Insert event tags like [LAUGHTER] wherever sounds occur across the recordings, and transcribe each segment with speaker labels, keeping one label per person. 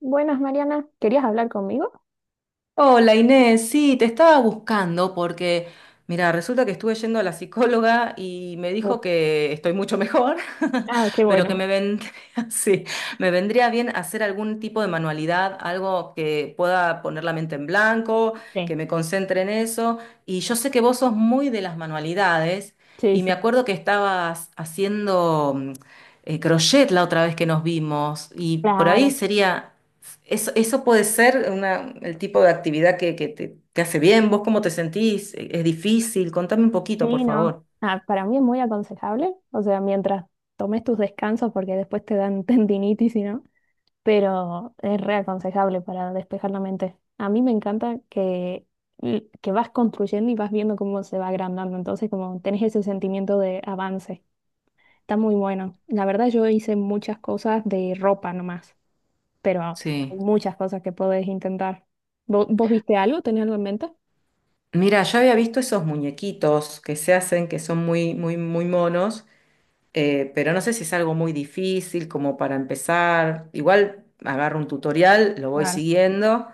Speaker 1: Buenas, Mariana. ¿Querías hablar conmigo?
Speaker 2: Hola Inés, sí, te estaba buscando porque, mira, resulta que estuve yendo a la psicóloga y me
Speaker 1: Oh,
Speaker 2: dijo que estoy mucho mejor,
Speaker 1: ah, qué
Speaker 2: [LAUGHS] pero que
Speaker 1: bueno.
Speaker 2: me vendría, [LAUGHS] sí, me vendría bien hacer algún tipo de manualidad, algo que pueda poner la mente en blanco,
Speaker 1: Sí,
Speaker 2: que me concentre en eso. Y yo sé que vos sos muy de las manualidades
Speaker 1: sí,
Speaker 2: y
Speaker 1: sí.
Speaker 2: me acuerdo que estabas haciendo crochet la otra vez que nos vimos y por ahí
Speaker 1: Claro.
Speaker 2: sería... Eso puede ser una, el tipo de actividad que te hace bien. ¿Vos cómo te sentís? ¿Es difícil? Contame un poquito, por
Speaker 1: Sí, no.
Speaker 2: favor.
Speaker 1: Ah, para mí es muy aconsejable. O sea, mientras tomes tus descansos, porque después te dan [LAUGHS] tendinitis y no. Pero es re aconsejable para despejar la mente. A mí me encanta que vas construyendo y vas viendo cómo se va agrandando. Entonces, como tenés ese sentimiento de avance. Está muy bueno. La verdad, yo hice muchas cosas de ropa nomás, pero
Speaker 2: Sí.
Speaker 1: hay muchas cosas que podés intentar. ¿Vos, viste algo? ¿Tenés algo en mente?
Speaker 2: Mira, yo había visto esos muñequitos que se hacen, que son muy, muy, muy monos, eh, pero no sé si es algo muy difícil como para empezar. Igual agarro un tutorial, lo voy
Speaker 1: Claro.
Speaker 2: siguiendo.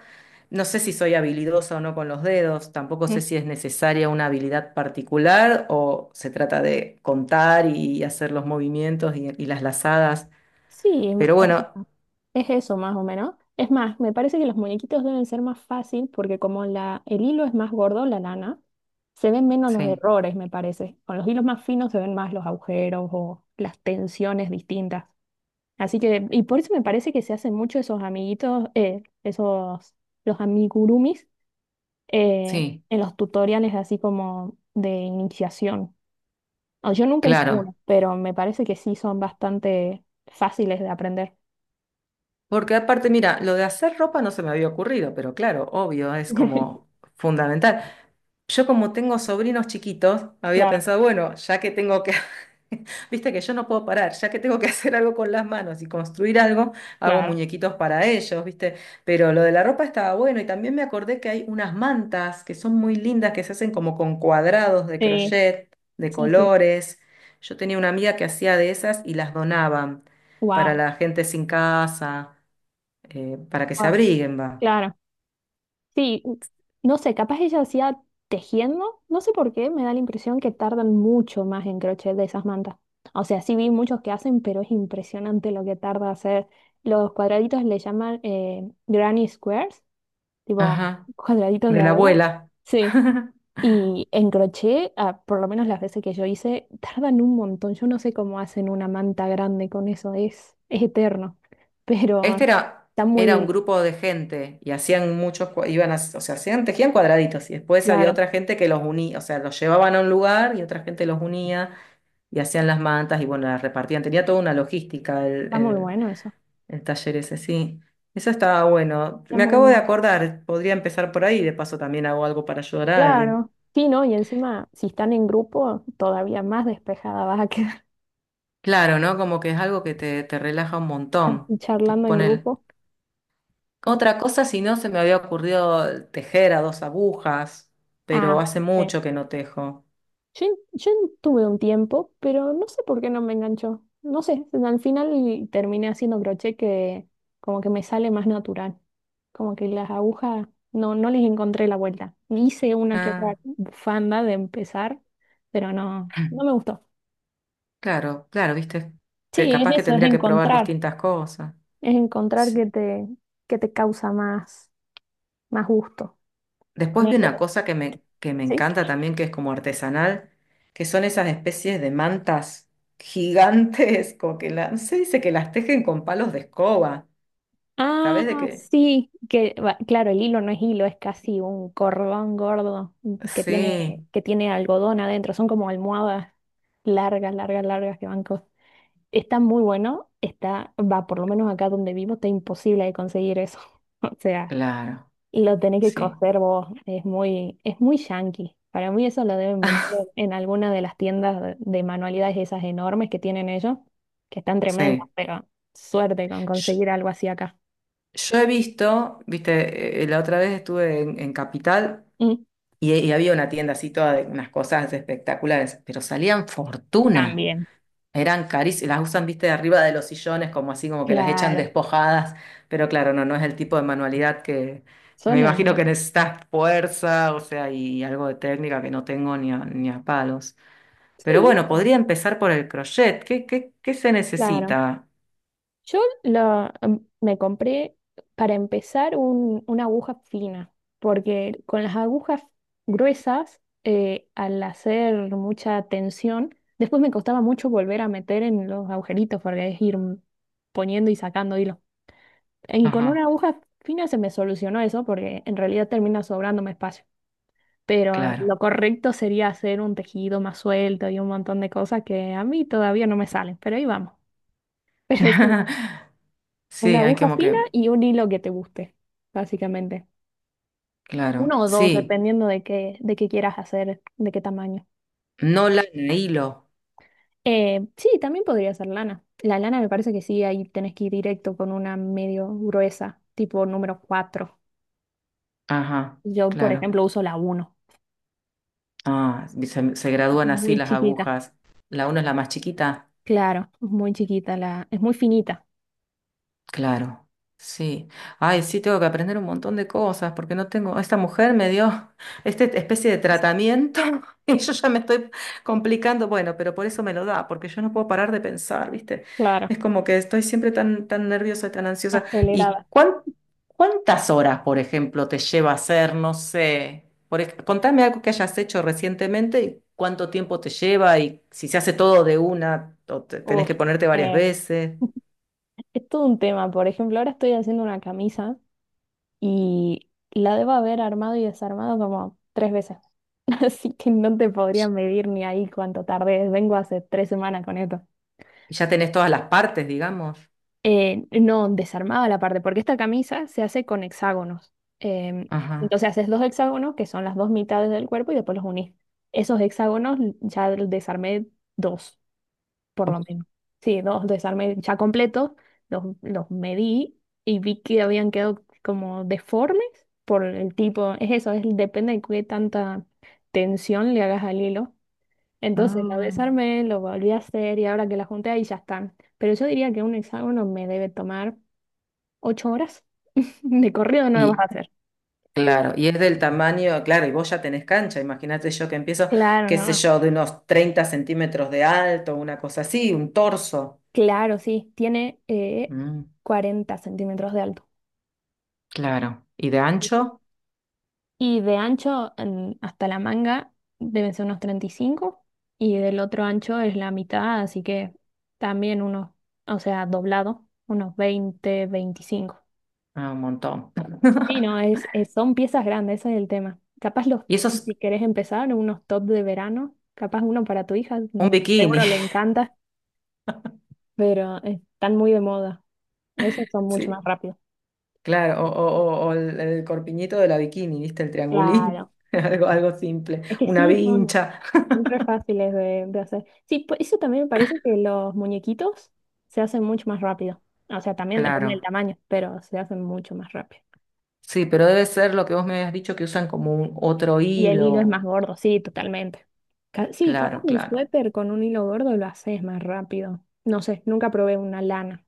Speaker 2: No sé si soy habilidosa o no con los dedos, tampoco sé
Speaker 1: Mm.
Speaker 2: si es necesaria una habilidad particular o se trata de contar y hacer los movimientos y las lazadas.
Speaker 1: Sí,
Speaker 2: Pero
Speaker 1: o
Speaker 2: bueno,
Speaker 1: sea, es eso más o menos. Es más, me parece que los muñequitos deben ser más fácil porque como el hilo es más gordo, la lana, se ven menos los
Speaker 2: sí,
Speaker 1: errores, me parece. Con los hilos más finos se ven más los agujeros o las tensiones distintas. Así que, y por eso me parece que se hacen mucho esos amiguitos, esos, los amigurumis, eh,
Speaker 2: sí,
Speaker 1: en los tutoriales así como de iniciación. O yo nunca hice uno,
Speaker 2: claro.
Speaker 1: pero me parece que sí son bastante fáciles de aprender.
Speaker 2: Porque aparte, mira, lo de hacer ropa no se me había ocurrido, pero claro, obvio, es
Speaker 1: [LAUGHS]
Speaker 2: como fundamental. Yo como tengo sobrinos chiquitos, había
Speaker 1: Claro,
Speaker 2: pensado, bueno, ya que tengo que, [LAUGHS] viste que yo no puedo parar, ya que tengo que [LAUGHS] hacer algo con las manos y construir algo, hago
Speaker 1: claro.
Speaker 2: muñequitos para ellos, viste. Pero lo de la ropa estaba bueno y también me acordé que hay unas mantas que son muy lindas, que se hacen como con cuadrados de
Speaker 1: Sí,
Speaker 2: crochet, de
Speaker 1: sí, sí.
Speaker 2: colores. Yo tenía una amiga que hacía de esas y las donaban para
Speaker 1: Wow,
Speaker 2: la gente sin casa, para que se
Speaker 1: wow.
Speaker 2: abriguen, va.
Speaker 1: Claro. Sí, no sé, capaz ella hacía tejiendo, no sé por qué, me da la impresión que tardan mucho más en crochet de esas mantas. O sea, sí vi muchos que hacen, pero es impresionante lo que tarda hacer. Los cuadraditos le llaman granny squares, tipo
Speaker 2: Ajá,
Speaker 1: cuadraditos de
Speaker 2: de la
Speaker 1: abuela.
Speaker 2: abuela.
Speaker 1: Sí.
Speaker 2: [LAUGHS]
Speaker 1: Y en crochet, ah, por lo menos las veces que yo hice, tardan un montón. Yo no sé cómo hacen una manta grande con eso, es eterno. Pero
Speaker 2: Este era,
Speaker 1: está muy
Speaker 2: era un
Speaker 1: lindo.
Speaker 2: grupo de gente y hacían muchos, iban a, o sea, hacían, tejían cuadraditos y después había
Speaker 1: Claro,
Speaker 2: otra gente que los unía, o sea, los llevaban a un lugar y otra gente los unía y hacían las mantas y bueno, las repartían. Tenía toda una logística
Speaker 1: está muy bueno eso.
Speaker 2: el taller ese, sí. Eso estaba bueno.
Speaker 1: Está
Speaker 2: Me
Speaker 1: muy
Speaker 2: acabo de
Speaker 1: lindo.
Speaker 2: acordar, podría empezar por ahí, y de paso también hago algo para ayudar a alguien.
Speaker 1: Claro. Sí, ¿no? Y encima, si están en grupo, todavía más despejada vas a quedar
Speaker 2: Claro, ¿no? Como que es algo que te relaja un montón,
Speaker 1: [LAUGHS]
Speaker 2: te
Speaker 1: charlando en
Speaker 2: pone.
Speaker 1: grupo.
Speaker 2: Otra cosa, si no, se me había ocurrido tejer a dos agujas, pero
Speaker 1: Ah,
Speaker 2: hace
Speaker 1: sí.
Speaker 2: mucho que no tejo.
Speaker 1: Yo tuve un tiempo, pero no sé por qué no me enganchó. No sé, al final terminé haciendo crochet que como que me sale más natural. Como que las agujas no, no les encontré la vuelta. Hice una que otra
Speaker 2: Ah,
Speaker 1: bufanda de empezar, pero no, no me
Speaker 2: [CLEARS THROAT]
Speaker 1: gustó.
Speaker 2: claro, claro, viste, que
Speaker 1: Sí, es
Speaker 2: capaz que
Speaker 1: eso, es
Speaker 2: tendría que probar
Speaker 1: encontrar.
Speaker 2: distintas cosas.
Speaker 1: Es encontrar
Speaker 2: Sí.
Speaker 1: que te causa más, más gusto.
Speaker 2: Después vi
Speaker 1: Ponele,
Speaker 2: una cosa que me
Speaker 1: ¿sí?
Speaker 2: encanta también, que es como artesanal, que son esas especies de mantas gigantes, como que se dice que las tejen con palos de escoba.
Speaker 1: Ah,
Speaker 2: ¿Sabés de qué?
Speaker 1: sí, que va, claro, el hilo no es hilo, es casi un cordón gordo que tiene,
Speaker 2: Sí,
Speaker 1: que tiene algodón adentro, son como almohadas largas, largas, largas que van co-. Está muy bueno, está, va, por lo menos acá donde vivo, está imposible de conseguir eso. [LAUGHS] O sea,
Speaker 2: claro,
Speaker 1: lo tenés que
Speaker 2: sí.
Speaker 1: coser vos, es muy yankee. Para mí eso lo deben vender en alguna de las tiendas de manualidades esas enormes que tienen ellos, que están tremendas,
Speaker 2: [LAUGHS]
Speaker 1: pero suerte con
Speaker 2: Sí.
Speaker 1: conseguir algo así acá.
Speaker 2: Yo he visto, viste, la otra vez estuve en Capital
Speaker 1: Mm,
Speaker 2: y había una tienda así toda de unas cosas espectaculares, pero salían fortuna,
Speaker 1: también.
Speaker 2: eran carísimas, las usan, viste, de arriba de los sillones, como así como que las echan
Speaker 1: Claro,
Speaker 2: despojadas, pero claro, no, no es el tipo de manualidad que me
Speaker 1: son
Speaker 2: imagino que
Speaker 1: hermosas.
Speaker 2: necesitas fuerza, o sea, y algo de técnica que no tengo ni a, ni a palos. Pero
Speaker 1: Sí,
Speaker 2: bueno,
Speaker 1: sí,
Speaker 2: podría empezar por el crochet. Qué se
Speaker 1: claro.
Speaker 2: necesita?
Speaker 1: Me compré para empezar un- una aguja fina, porque con las agujas gruesas, al hacer mucha tensión, después me costaba mucho volver a meter en los agujeritos, porque es ir poniendo y sacando hilo. Y con una
Speaker 2: Ajá,
Speaker 1: aguja fina se me solucionó eso, porque en realidad termina sobrándome espacio. Pero
Speaker 2: claro.
Speaker 1: lo correcto sería hacer un tejido más suelto y un montón de cosas que a mí todavía no me salen, pero ahí vamos. [LAUGHS] Pero sí,
Speaker 2: [LAUGHS]
Speaker 1: una
Speaker 2: Sí, hay
Speaker 1: aguja
Speaker 2: como
Speaker 1: fina
Speaker 2: que...
Speaker 1: y un hilo que te guste, básicamente. Uno
Speaker 2: Claro,
Speaker 1: o dos,
Speaker 2: sí.
Speaker 1: dependiendo de qué quieras hacer, de qué tamaño.
Speaker 2: No lana, hilo.
Speaker 1: Sí, también podría ser lana. La lana me parece que sí, ahí tenés que ir directo con una medio gruesa, tipo n.º 4.
Speaker 2: Ajá,
Speaker 1: Yo, por
Speaker 2: claro.
Speaker 1: ejemplo, uso la uno.
Speaker 2: Ah, se gradúan así
Speaker 1: Muy
Speaker 2: las
Speaker 1: chiquita.
Speaker 2: agujas. La una es la más chiquita.
Speaker 1: Claro, es muy chiquita la, es muy finita.
Speaker 2: Claro, sí. Ay, sí, tengo que aprender un montón de cosas porque no tengo. Esta mujer me dio [LAUGHS] esta especie de tratamiento [LAUGHS] y yo ya me estoy complicando. Bueno, pero por eso me lo da, porque yo no puedo parar de pensar, ¿viste?
Speaker 1: Claro,
Speaker 2: Es como que estoy siempre tan, tan nerviosa y tan ansiosa. ¿Y
Speaker 1: acelerada.
Speaker 2: cuántas horas, por ejemplo, te lleva hacer? No sé. Por, contame algo que hayas hecho recientemente y cuánto tiempo te lleva y si se hace todo de una o tenés
Speaker 1: Uf,
Speaker 2: que ponerte varias
Speaker 1: eh,
Speaker 2: veces.
Speaker 1: [LAUGHS] es todo un tema. Por ejemplo, ahora estoy haciendo una camisa y la debo haber armado y desarmado como tres veces. [LAUGHS] Así que no te podría medir ni ahí cuánto tardé. Vengo hace 3 semanas con esto.
Speaker 2: Y ya tenés todas las partes, digamos.
Speaker 1: No, desarmaba la parte, porque esta camisa se hace con hexágonos. Em,
Speaker 2: Ajá.
Speaker 1: entonces haces dos hexágonos, que son las dos mitades del cuerpo, y después los unís. Esos hexágonos ya desarmé dos, por lo menos. Sí, dos desarmes ya completos, los medí y vi que habían quedado como deformes por el tipo, es eso, es, depende de qué tanta tensión le hagas al hilo. Entonces lo
Speaker 2: Ah,
Speaker 1: desarmé, lo volví a hacer y ahora que la junté ahí ya están. Pero yo diría que un hexágono me debe tomar 8 horas. [LAUGHS] De corrido no lo vas a
Speaker 2: y
Speaker 1: hacer.
Speaker 2: claro, y es del tamaño, claro, y vos ya tenés cancha, imagínate yo que empiezo,
Speaker 1: Claro,
Speaker 2: qué sé
Speaker 1: no.
Speaker 2: yo, de unos 30 centímetros de alto, una cosa así, un torso.
Speaker 1: Claro, sí. Tiene
Speaker 2: Mm,
Speaker 1: 40 centímetros de alto.
Speaker 2: claro, y de ancho.
Speaker 1: Y de ancho en- hasta la manga deben ser unos 35 y del otro ancho es la mitad, así que también unos, o sea, doblado, unos 20, 25.
Speaker 2: Ah, un montón.
Speaker 1: Y no,
Speaker 2: [LAUGHS]
Speaker 1: son piezas grandes, ese es el tema. Capaz los,
Speaker 2: Y eso es
Speaker 1: si querés empezar, unos top de verano, capaz uno para tu hija,
Speaker 2: un bikini,
Speaker 1: seguro le
Speaker 2: [LAUGHS]
Speaker 1: encanta, pero están muy de moda. Esos son mucho más
Speaker 2: sí,
Speaker 1: rápidos.
Speaker 2: claro, o, o el corpiñito de la bikini, ¿viste? El triangulito,
Speaker 1: Claro.
Speaker 2: [LAUGHS] algo, algo simple,
Speaker 1: Es que
Speaker 2: una
Speaker 1: sí, son
Speaker 2: vincha.
Speaker 1: Son
Speaker 2: [LAUGHS]
Speaker 1: re fáciles de hacer. Sí, eso también me parece que los muñequitos se hacen mucho más rápido. O sea, también depende del
Speaker 2: Claro.
Speaker 1: tamaño, pero se hacen mucho más rápido.
Speaker 2: Sí, pero debe ser lo que vos me habías dicho que usan como un otro
Speaker 1: Y el hilo es
Speaker 2: hilo.
Speaker 1: más gordo, sí, totalmente. Sí, capaz
Speaker 2: Claro,
Speaker 1: un
Speaker 2: claro.
Speaker 1: suéter con un hilo gordo lo haces más rápido. No sé, nunca probé una lana.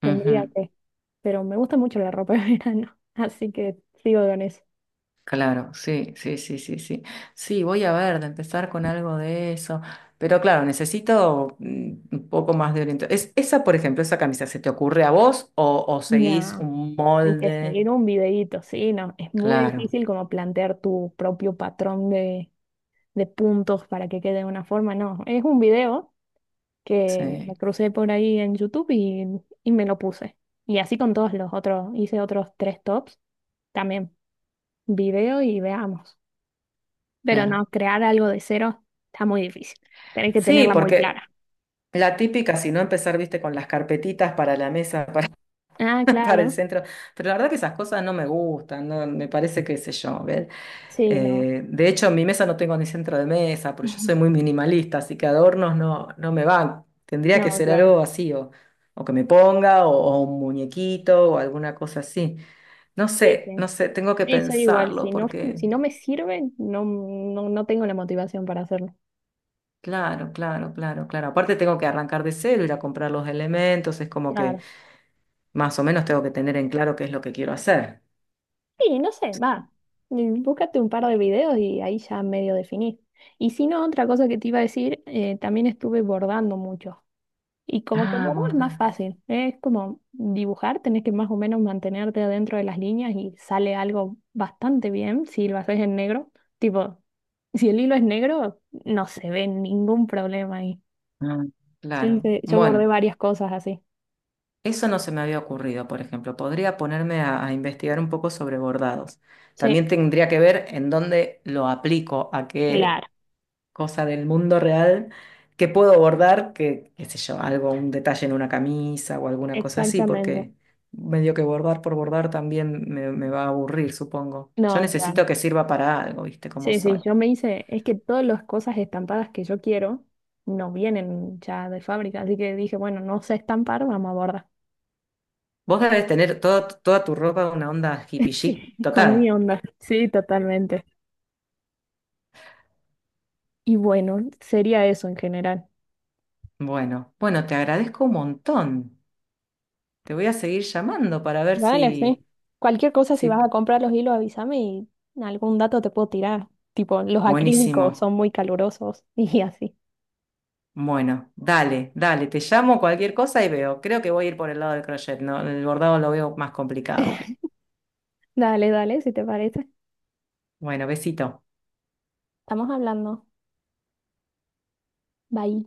Speaker 1: Tendría
Speaker 2: Ujú.
Speaker 1: que, pero me gusta mucho la ropa de [LAUGHS] verano, así que sigo con eso.
Speaker 2: Claro, sí, sí, sí, sí, sí. Sí, voy a ver, de empezar con algo de eso. Pero claro, necesito un poco más de orientación. Esa, por ejemplo, esa camisa, ¿se te ocurre a vos o seguís
Speaker 1: No,
Speaker 2: un
Speaker 1: hay que seguir
Speaker 2: molde?
Speaker 1: un videíto, sí, no. Es muy
Speaker 2: Claro,
Speaker 1: difícil como plantear tu propio patrón de puntos para que quede de una forma, no, es un video que me
Speaker 2: sí,
Speaker 1: crucé por ahí en YouTube y me lo puse. Y así con todos los otros, hice otros tres tops, también video y veamos. Pero no,
Speaker 2: claro.
Speaker 1: crear algo de cero está muy difícil. Tenés que
Speaker 2: Sí,
Speaker 1: tenerla muy
Speaker 2: porque
Speaker 1: clara.
Speaker 2: la típica, si no empezar, viste, con las carpetitas para la mesa, [LAUGHS] para
Speaker 1: Ah,
Speaker 2: [LAUGHS] para el
Speaker 1: claro.
Speaker 2: centro, pero la verdad que esas cosas no me gustan, no, me parece que sé yo, ¿ves?
Speaker 1: Sí, no.
Speaker 2: De hecho, en mi mesa no tengo ni centro de mesa, porque yo soy muy
Speaker 1: [LAUGHS]
Speaker 2: minimalista, así que adornos no, no me van. Tendría que
Speaker 1: No,
Speaker 2: ser
Speaker 1: claro.
Speaker 2: algo así, o que me ponga, o un muñequito, o alguna cosa así. No
Speaker 1: Sí,
Speaker 2: sé,
Speaker 1: sí.
Speaker 2: no sé, tengo que
Speaker 1: Sí, soy igual.
Speaker 2: pensarlo,
Speaker 1: Si no,
Speaker 2: porque
Speaker 1: si no, me sirve, no, no, no tengo la motivación para hacerlo.
Speaker 2: claro, claro, claro, claro. Aparte tengo que arrancar de cero, ir a comprar los elementos, es como que
Speaker 1: Claro.
Speaker 2: más o menos tengo que tener en claro qué es lo que quiero hacer.
Speaker 1: Sí, no sé, va. Mm. Búscate un par de videos y ahí ya medio definís. Y si no, otra cosa que te iba a decir, también estuve bordando mucho. Y como que el
Speaker 2: Ah,
Speaker 1: bordo es más
Speaker 2: borda.
Speaker 1: fácil, ¿eh? Es como dibujar, tenés que más o menos mantenerte adentro de las líneas y sale algo bastante bien si lo haces en negro. Tipo, si el hilo es negro, no se ve ningún problema ahí.
Speaker 2: Ah,
Speaker 1: Yo,
Speaker 2: claro.
Speaker 1: hice- yo bordé
Speaker 2: Bueno,
Speaker 1: varias cosas así.
Speaker 2: eso no se me había ocurrido, por ejemplo. Podría ponerme a investigar un poco sobre bordados.
Speaker 1: Sí,
Speaker 2: También tendría que ver en dónde lo aplico, a qué
Speaker 1: claro,
Speaker 2: cosa del mundo real que puedo bordar, que, qué sé yo, algo, un detalle en una camisa o alguna cosa así,
Speaker 1: exactamente.
Speaker 2: porque medio que bordar por bordar también me va a aburrir, supongo. Yo
Speaker 1: No, claro.
Speaker 2: necesito que sirva para algo, ¿viste cómo
Speaker 1: Sí,
Speaker 2: soy?
Speaker 1: sí, yo me hice, es que todas las cosas estampadas que yo quiero no vienen ya de fábrica, así que dije, bueno, no sé estampar, vamos a bordar.
Speaker 2: Vos debes tener toda tu ropa una onda hippie
Speaker 1: [LAUGHS]
Speaker 2: chic
Speaker 1: Sí. Con
Speaker 2: total.
Speaker 1: mi onda. Sí, totalmente. Y bueno, sería eso en general.
Speaker 2: Bueno, bueno, te agradezco un montón. Te voy a seguir llamando para ver
Speaker 1: Dale, sí.
Speaker 2: si,
Speaker 1: Cualquier cosa, si
Speaker 2: si...
Speaker 1: vas a comprar los hilos, avísame y algún dato te puedo tirar. Tipo, los acrílicos
Speaker 2: Buenísimo.
Speaker 1: son muy calurosos [LAUGHS] y así.
Speaker 2: Bueno, dale, dale, te llamo cualquier cosa y veo. Creo que voy a ir por el lado del crochet, ¿no? El bordado lo veo más complicado.
Speaker 1: Dale, dale, si te parece.
Speaker 2: Bueno, besito.
Speaker 1: Estamos hablando. Bye.